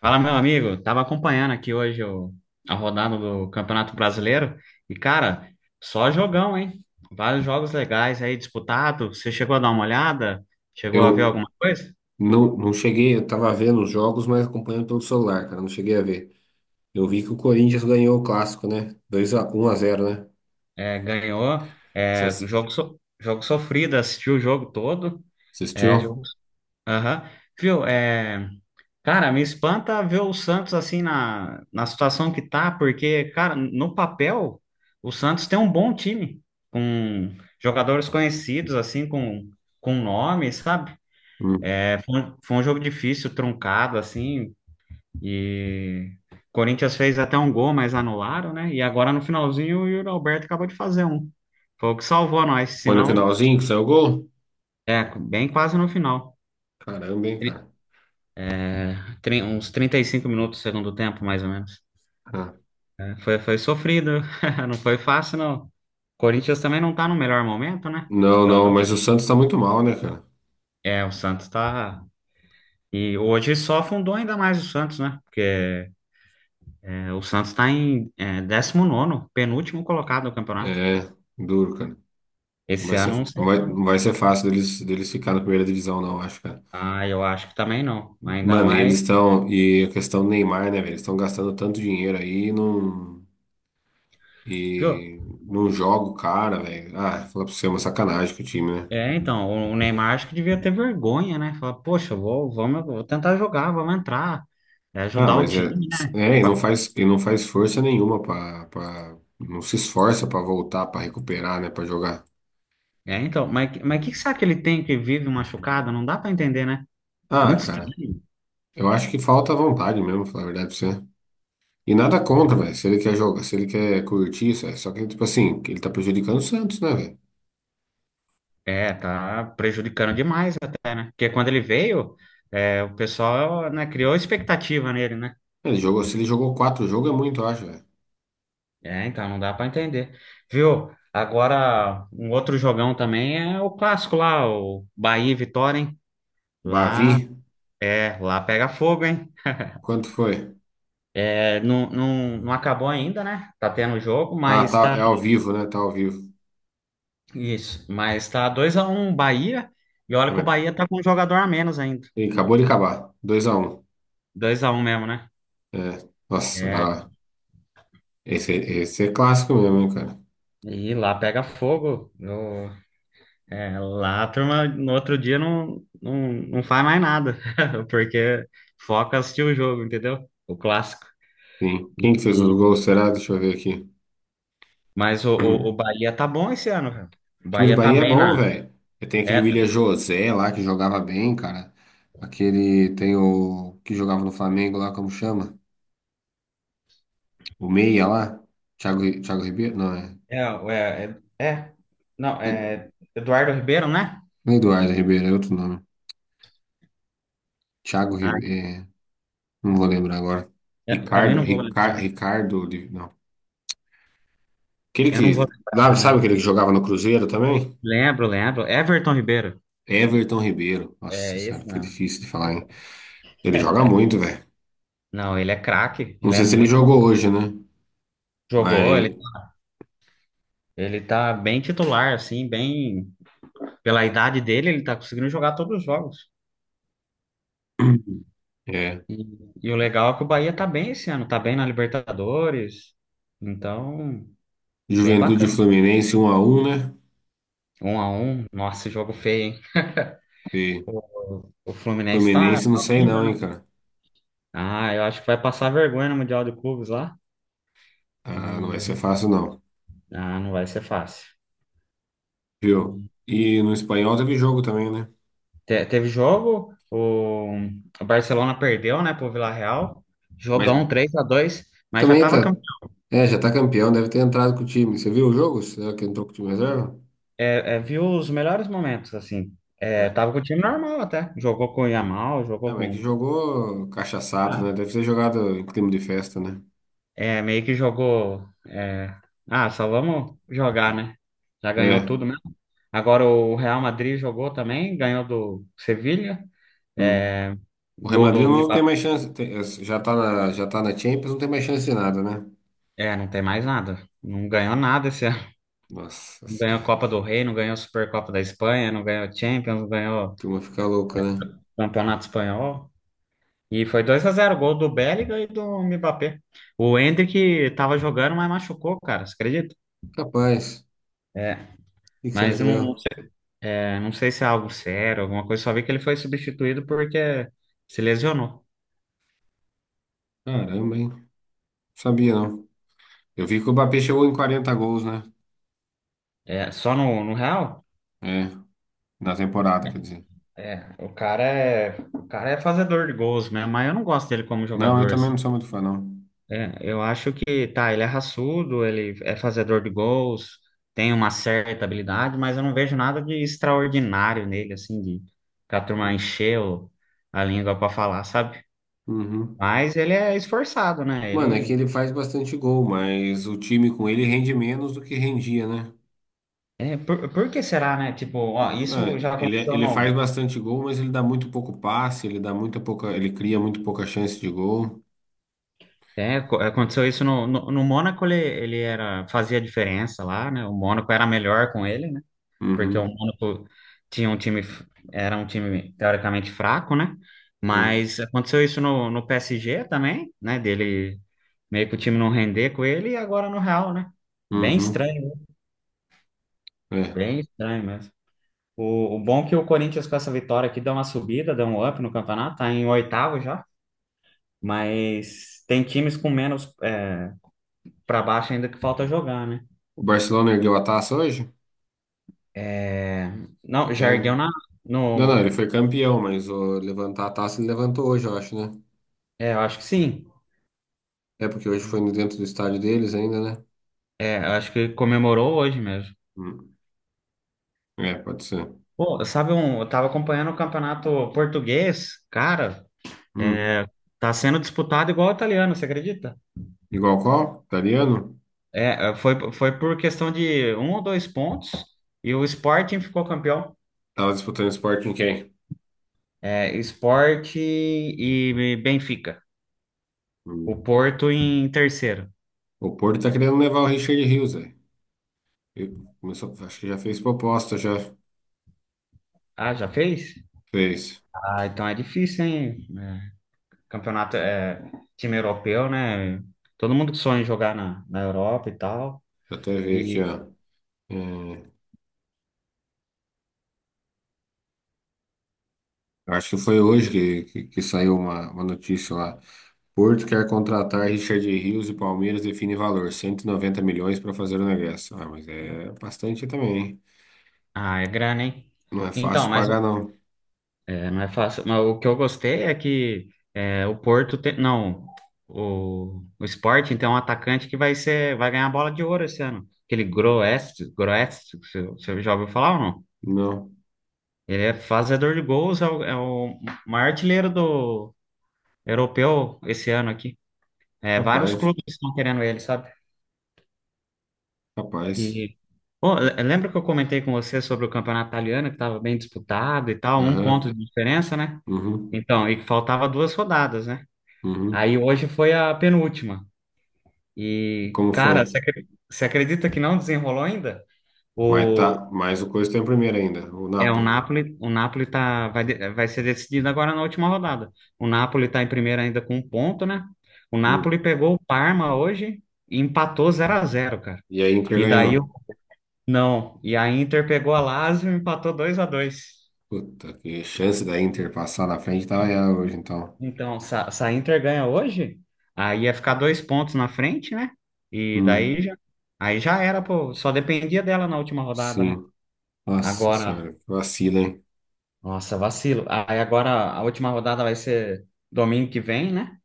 Fala, meu amigo. Tava acompanhando aqui hoje a rodada do Campeonato Brasileiro e, cara, só jogão, hein? Vários jogos legais aí disputados. Você chegou a dar uma olhada? Chegou a ver Eu alguma coisa? não, não cheguei, eu tava vendo os jogos, mas acompanhando pelo celular, cara, não cheguei a ver. Eu vi que o Corinthians ganhou o clássico, né? Dois a um a zero, né? É, ganhou. Você É, jogo sofrido, assistiu o jogo todo. É, assistiu? jogo. Aham. Viu? É, cara, me espanta ver o Santos assim na situação que tá, porque, cara, no papel, o Santos tem um bom time, com jogadores conhecidos, assim, com nome, sabe? Hum. É, foi um jogo difícil, truncado, assim, e o Corinthians fez até um gol, mas anularam, né? E agora no finalzinho o Yuri Alberto acabou de fazer um. Foi o que salvou nós, Foi no senão, finalzinho que saiu o gol? é, bem quase no final. Caramba, hein, Tri- cara. Uns 35 minutos do segundo tempo, mais ou menos. Ah. Foi sofrido, não foi fácil, não. O Corinthians também não tá no melhor momento, né? Não, não, Então, mas o Santos tá muito mal, né, cara? é, o Santos tá. E hoje só afundou ainda mais o Santos, né? Porque o Santos tá em 19º, penúltimo colocado no campeonato. É, duro, cara. Esse ano, não sei, não. Não vai ser fácil deles ficar na primeira divisão, não acho, cara. Ah, eu acho que também não. Ainda Mano, e eles mais. estão. E a questão do Neymar, né, velho? Eles estão gastando tanto dinheiro aí e não. Viu? E não joga o cara, velho. Ah, fala pra você, é uma sacanagem com o time, né? É, então, o Neymar acho que devia ter vergonha, né? Falar, poxa, eu vou tentar jogar, vamos entrar, é, Ah, ajudar o mas time, né? E não faz força nenhuma não se esforça pra voltar, pra recuperar, né, pra jogar. É, então, mas que será que ele tem que vive machucado? Não dá pra entender, né? Ah, Muito cara, estranho. eu acho que falta vontade mesmo, falar a verdade pra você. E nada contra, velho. Se ele quer jogar, se ele quer curtir, isso é só que, tipo assim, ele tá prejudicando o Santos, né, velho? É, tá prejudicando demais até, né? Porque quando ele veio, é, o pessoal, né, criou expectativa nele, né? Se ele jogou quatro jogos é muito, eu acho, velho. É, então não dá pra entender. Viu? Agora, um outro jogão também é o clássico lá, o Bahia e Vitória, hein? Bavi, Lá, lá pega fogo, hein? quanto foi? É, não, não, não acabou ainda, né? Tá tendo jogo, Ah, mas tá, tá. é ao vivo, né? Tá ao vivo. Isso, mas tá 2-1 Bahia, e olha Ah, que o mas Bahia tá com um jogador a menos ainda. ele acabou de acabar. Dois a um. 2-1 mesmo, né? É, nossa, da É, hora. Esse é clássico mesmo, hein, cara? e lá pega fogo. Lá a turma no outro dia não, não, não faz mais nada, porque foca em assistir o jogo, entendeu? O clássico. Sim. E, Quem que fez o e- gol, será? Deixa eu ver aqui. mas o Bahia tá bom esse ano, velho. O O time do Bahia tá Bahia é bem bom, na. velho. Tem aquele É, William José lá que jogava bem, cara. Aquele tem o que jogava no Flamengo lá, como chama? O meia lá. Thiago Ribeiro? Não, é. é, é, é, não, é Eduardo Ribeiro, né? Não é Eduardo Ribeiro, é outro nome. Thiago Ah, Ribeiro. É, não vou lembrar agora. eu também Ricardo, não vou Ricardo, lembrar. Ricardo. Não. Aquele Eu não que. vou lembrar Sabe também. aquele que jogava no Cruzeiro também? Lembro, lembro. Everton Ribeiro. Everton Ribeiro. Nossa É senhora, esse foi mesmo. difícil de falar, hein? Ele joga muito, velho. Não, ele é craque, Não ele é sei se ele muito jogou bom. hoje, né? Jogou, Mas. ele tá bem titular, assim, bem. Pela idade dele, ele tá conseguindo jogar todos os jogos. É. E, e o legal é que o Bahia tá bem esse ano, tá bem na Libertadores. Então, bem Juventude e bacana. Fluminense 1-1, né? 1-1, nossa, jogo feio, hein? E O Fluminense tá, Fluminense não tá sei horrível, não, hein, né? cara. Ah, eu acho que vai passar vergonha no Mundial de Clubes lá. Ah, não vai ser E, fácil, não. ah, não vai ser fácil. Viu? E no espanhol teve jogo também, né? Teve jogo, o Barcelona perdeu, né, pro Villarreal. Mas Jogão 3-2, mas já também tava tá. É, já tá campeão, deve ter entrado com o time. Você viu o jogo? Será que entrou com o time reserva? Viu os melhores momentos, assim. É, É. tava com o time normal até. Jogou com o Yamal, É, jogou mas que com. jogou cachaçado, Ah, né? Deve ter jogado em clima de festa, né? é, meio que jogou. Ah, só vamos jogar, né? Já ganhou É. tudo mesmo. Agora o Real Madrid jogou também, ganhou do Sevilha. Hum. É, O Real gol Madrid do não tem Mbappé. mais chance. Já tá na Champions, não tem mais chance de nada, né? É, não tem mais nada. Não ganhou nada esse Nossa não ganhou a senhora. Copa A do Rei, não ganhou a Supercopa da Espanha, não ganhou a Champions, não ganhou o turma fica louca, né? Campeonato Espanhol. E foi 2-0, gol do Bellingham e do Mbappé. O Endrick tava jogando, mas machucou, cara, você acredita? Capaz. O É, que que será mas que deu? não, não sei se é algo sério, alguma coisa, só vi que ele foi substituído porque se lesionou. Caramba, hein? Não sabia, não. Eu vi que o Mbappé chegou em 40 gols, né? É, só no Real? É, na temporada, quer dizer. É, o cara é fazedor de gols mesmo, mas eu não gosto dele como Não, eu jogador, também assim. não sou muito fã, não. É, eu acho que tá, ele é raçudo, ele é fazedor de gols, tem uma certa habilidade, mas eu não vejo nada de extraordinário nele, assim, de pra turma encher a língua pra falar, sabe? Uhum. Mas ele é esforçado, né? Mano, é que ele faz bastante gol, mas o time com ele rende menos do que rendia, né? Por que será, né? Tipo, ó, isso É, já ele, aconteceu ele faz no bastante gol, mas ele dá muito pouco passe, ele dá muito pouca, ele cria muito pouca chance de gol. é, aconteceu isso no Mônaco, ele era fazia diferença lá, né? O Mônaco era melhor com ele, porque o Uhum, Mônaco tinha um time, era um time teoricamente fraco, né? sim. Mas aconteceu isso no PSG também, né? Dele meio que o time não render com ele e agora no Real, né? Bem Uhum, estranho, é. bem estranho mesmo. O bom é que o Corinthians com essa vitória aqui dá uma subida, dá um up no campeonato, tá em oitavo já, mas tem times com menos para baixo ainda que falta jogar, né? O Barcelona ergueu a taça hoje? É, não, já É. ergueu Não, na, não, ele no, foi campeão, mas ó, levantar a taça ele levantou hoje, eu acho, né? é, eu acho que sim. É porque hoje foi dentro do estádio deles ainda, né? É, eu acho que comemorou hoje mesmo. Hum. É, pode ser. Pô, sabe um, eu tava acompanhando o campeonato português, cara, Hum. tá sendo disputado igual o italiano, você acredita? Igual qual? Italiano? É, foi por questão de um ou dois pontos e o Sporting ficou campeão. Tava disputando esporte em quem? É, Sport e Benfica. O Hum. Porto em terceiro. O Porto tá querendo levar o Richard Rios, velho. Ele começou, acho que já fez proposta, já Ah, já fez? fez. Ah, então é difícil, hein? É, campeonato é time europeu, né? Todo mundo que sonha em jogar na Europa e tal. Vou até ver aqui, E, ó. É. Eu acho que foi hoje que saiu uma notícia lá. Porto quer contratar Richard Rios e Palmeiras define valor, 190 milhões para fazer o negócio. Ah, mas é bastante também, hein? ah, é grana, hein? Não é Então, fácil mas pagar, não. é, não é fácil. Mas o que eu gostei é que o Porto tem. Não, o Sporting tem um atacante que vai ser, vai ganhar a bola de ouro esse ano. Aquele Groest, você já ouviu falar ou não? Não. Ele é fazedor de gols, é o maior artilheiro do europeu esse ano aqui. É, vários Capaz, clubes estão querendo ele, sabe? capaz. E pô, lembra que eu comentei com você sobre o campeonato italiano, que estava bem disputado e tal, um ponto Aham. de diferença, né? Uhum. Então, e que faltava duas rodadas, né? Uhum. Aí hoje foi a penúltima. E, Como foi? cara, você acredita que não desenrolou ainda? Mas tá, O, mas o Coisa tem o primeiro ainda, o é, o Napoli. Napoli, o Napoli vai ser decidido agora na última rodada. O Napoli tá em primeiro ainda com um ponto, né? O Hum. Napoli pegou o Parma hoje e empatou 0-0, cara. E a Inter E daí, ganhou. não. E a Inter pegou a Lazio e empatou 2-2. Puta, que chance da Inter passar na frente tava ela hoje, então. Então, se a Inter ganha hoje, aí ia ficar dois pontos na frente, né? E daí Hum. já, aí já era, pô. Só dependia dela na última rodada, né? Sim. Nossa Agora, senhora, que vacina, hein? nossa, vacilo. Aí agora a última rodada vai ser domingo que vem, né?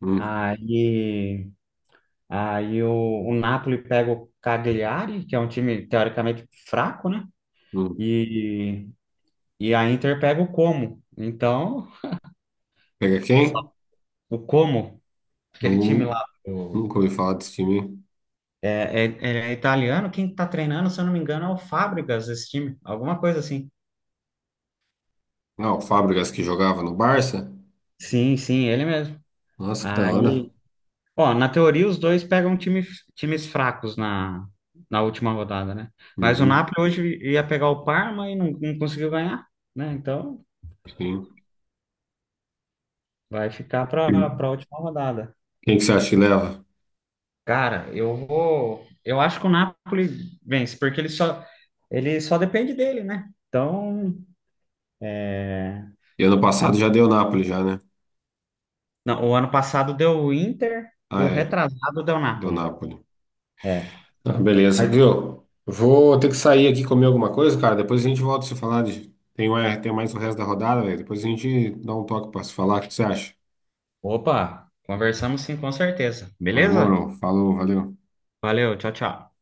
Hum, Aí, aí o Napoli pega o Cagliari, que é um time teoricamente fraco, né? hum. E, e a Inter pega o Como. Então, Pega só- quem? o Como, aquele time Nu- lá. Nunca ouvi falar desse time, hein? É, é italiano, quem está treinando, se eu não me engano, é o Fábricas, esse time, alguma coisa assim. Ah, o Fábricas que jogava no Barça? Sim, sim, ele mesmo. Nossa, que da hora. Aí, ó, na teoria os dois pegam times fracos na última rodada, né? Mas o Uhum, Napoli hoje ia pegar o Parma e não conseguiu ganhar, né? Então sim. vai ficar para a última rodada. Quem que você acha que leva? Cara, eu vou. Eu acho que o Napoli vence, porque ele só depende dele, né? Então, é, E ano passado já deu Napoli já, né? Não, o ano passado deu o Inter e Ah, o é. retrasado deu o Deu Napoli. Napoli. É. Ah, beleza, Mas- viu? Vou ter que sair aqui comer alguma coisa, cara. Depois a gente volta a se falar de... Tem mais o resto da rodada, velho. Depois a gente dá um toque pra se falar. O que você acha? Opa, conversamos sim, com certeza. Não Beleza? demorou. Falou, valeu. Valeu, tchau, tchau.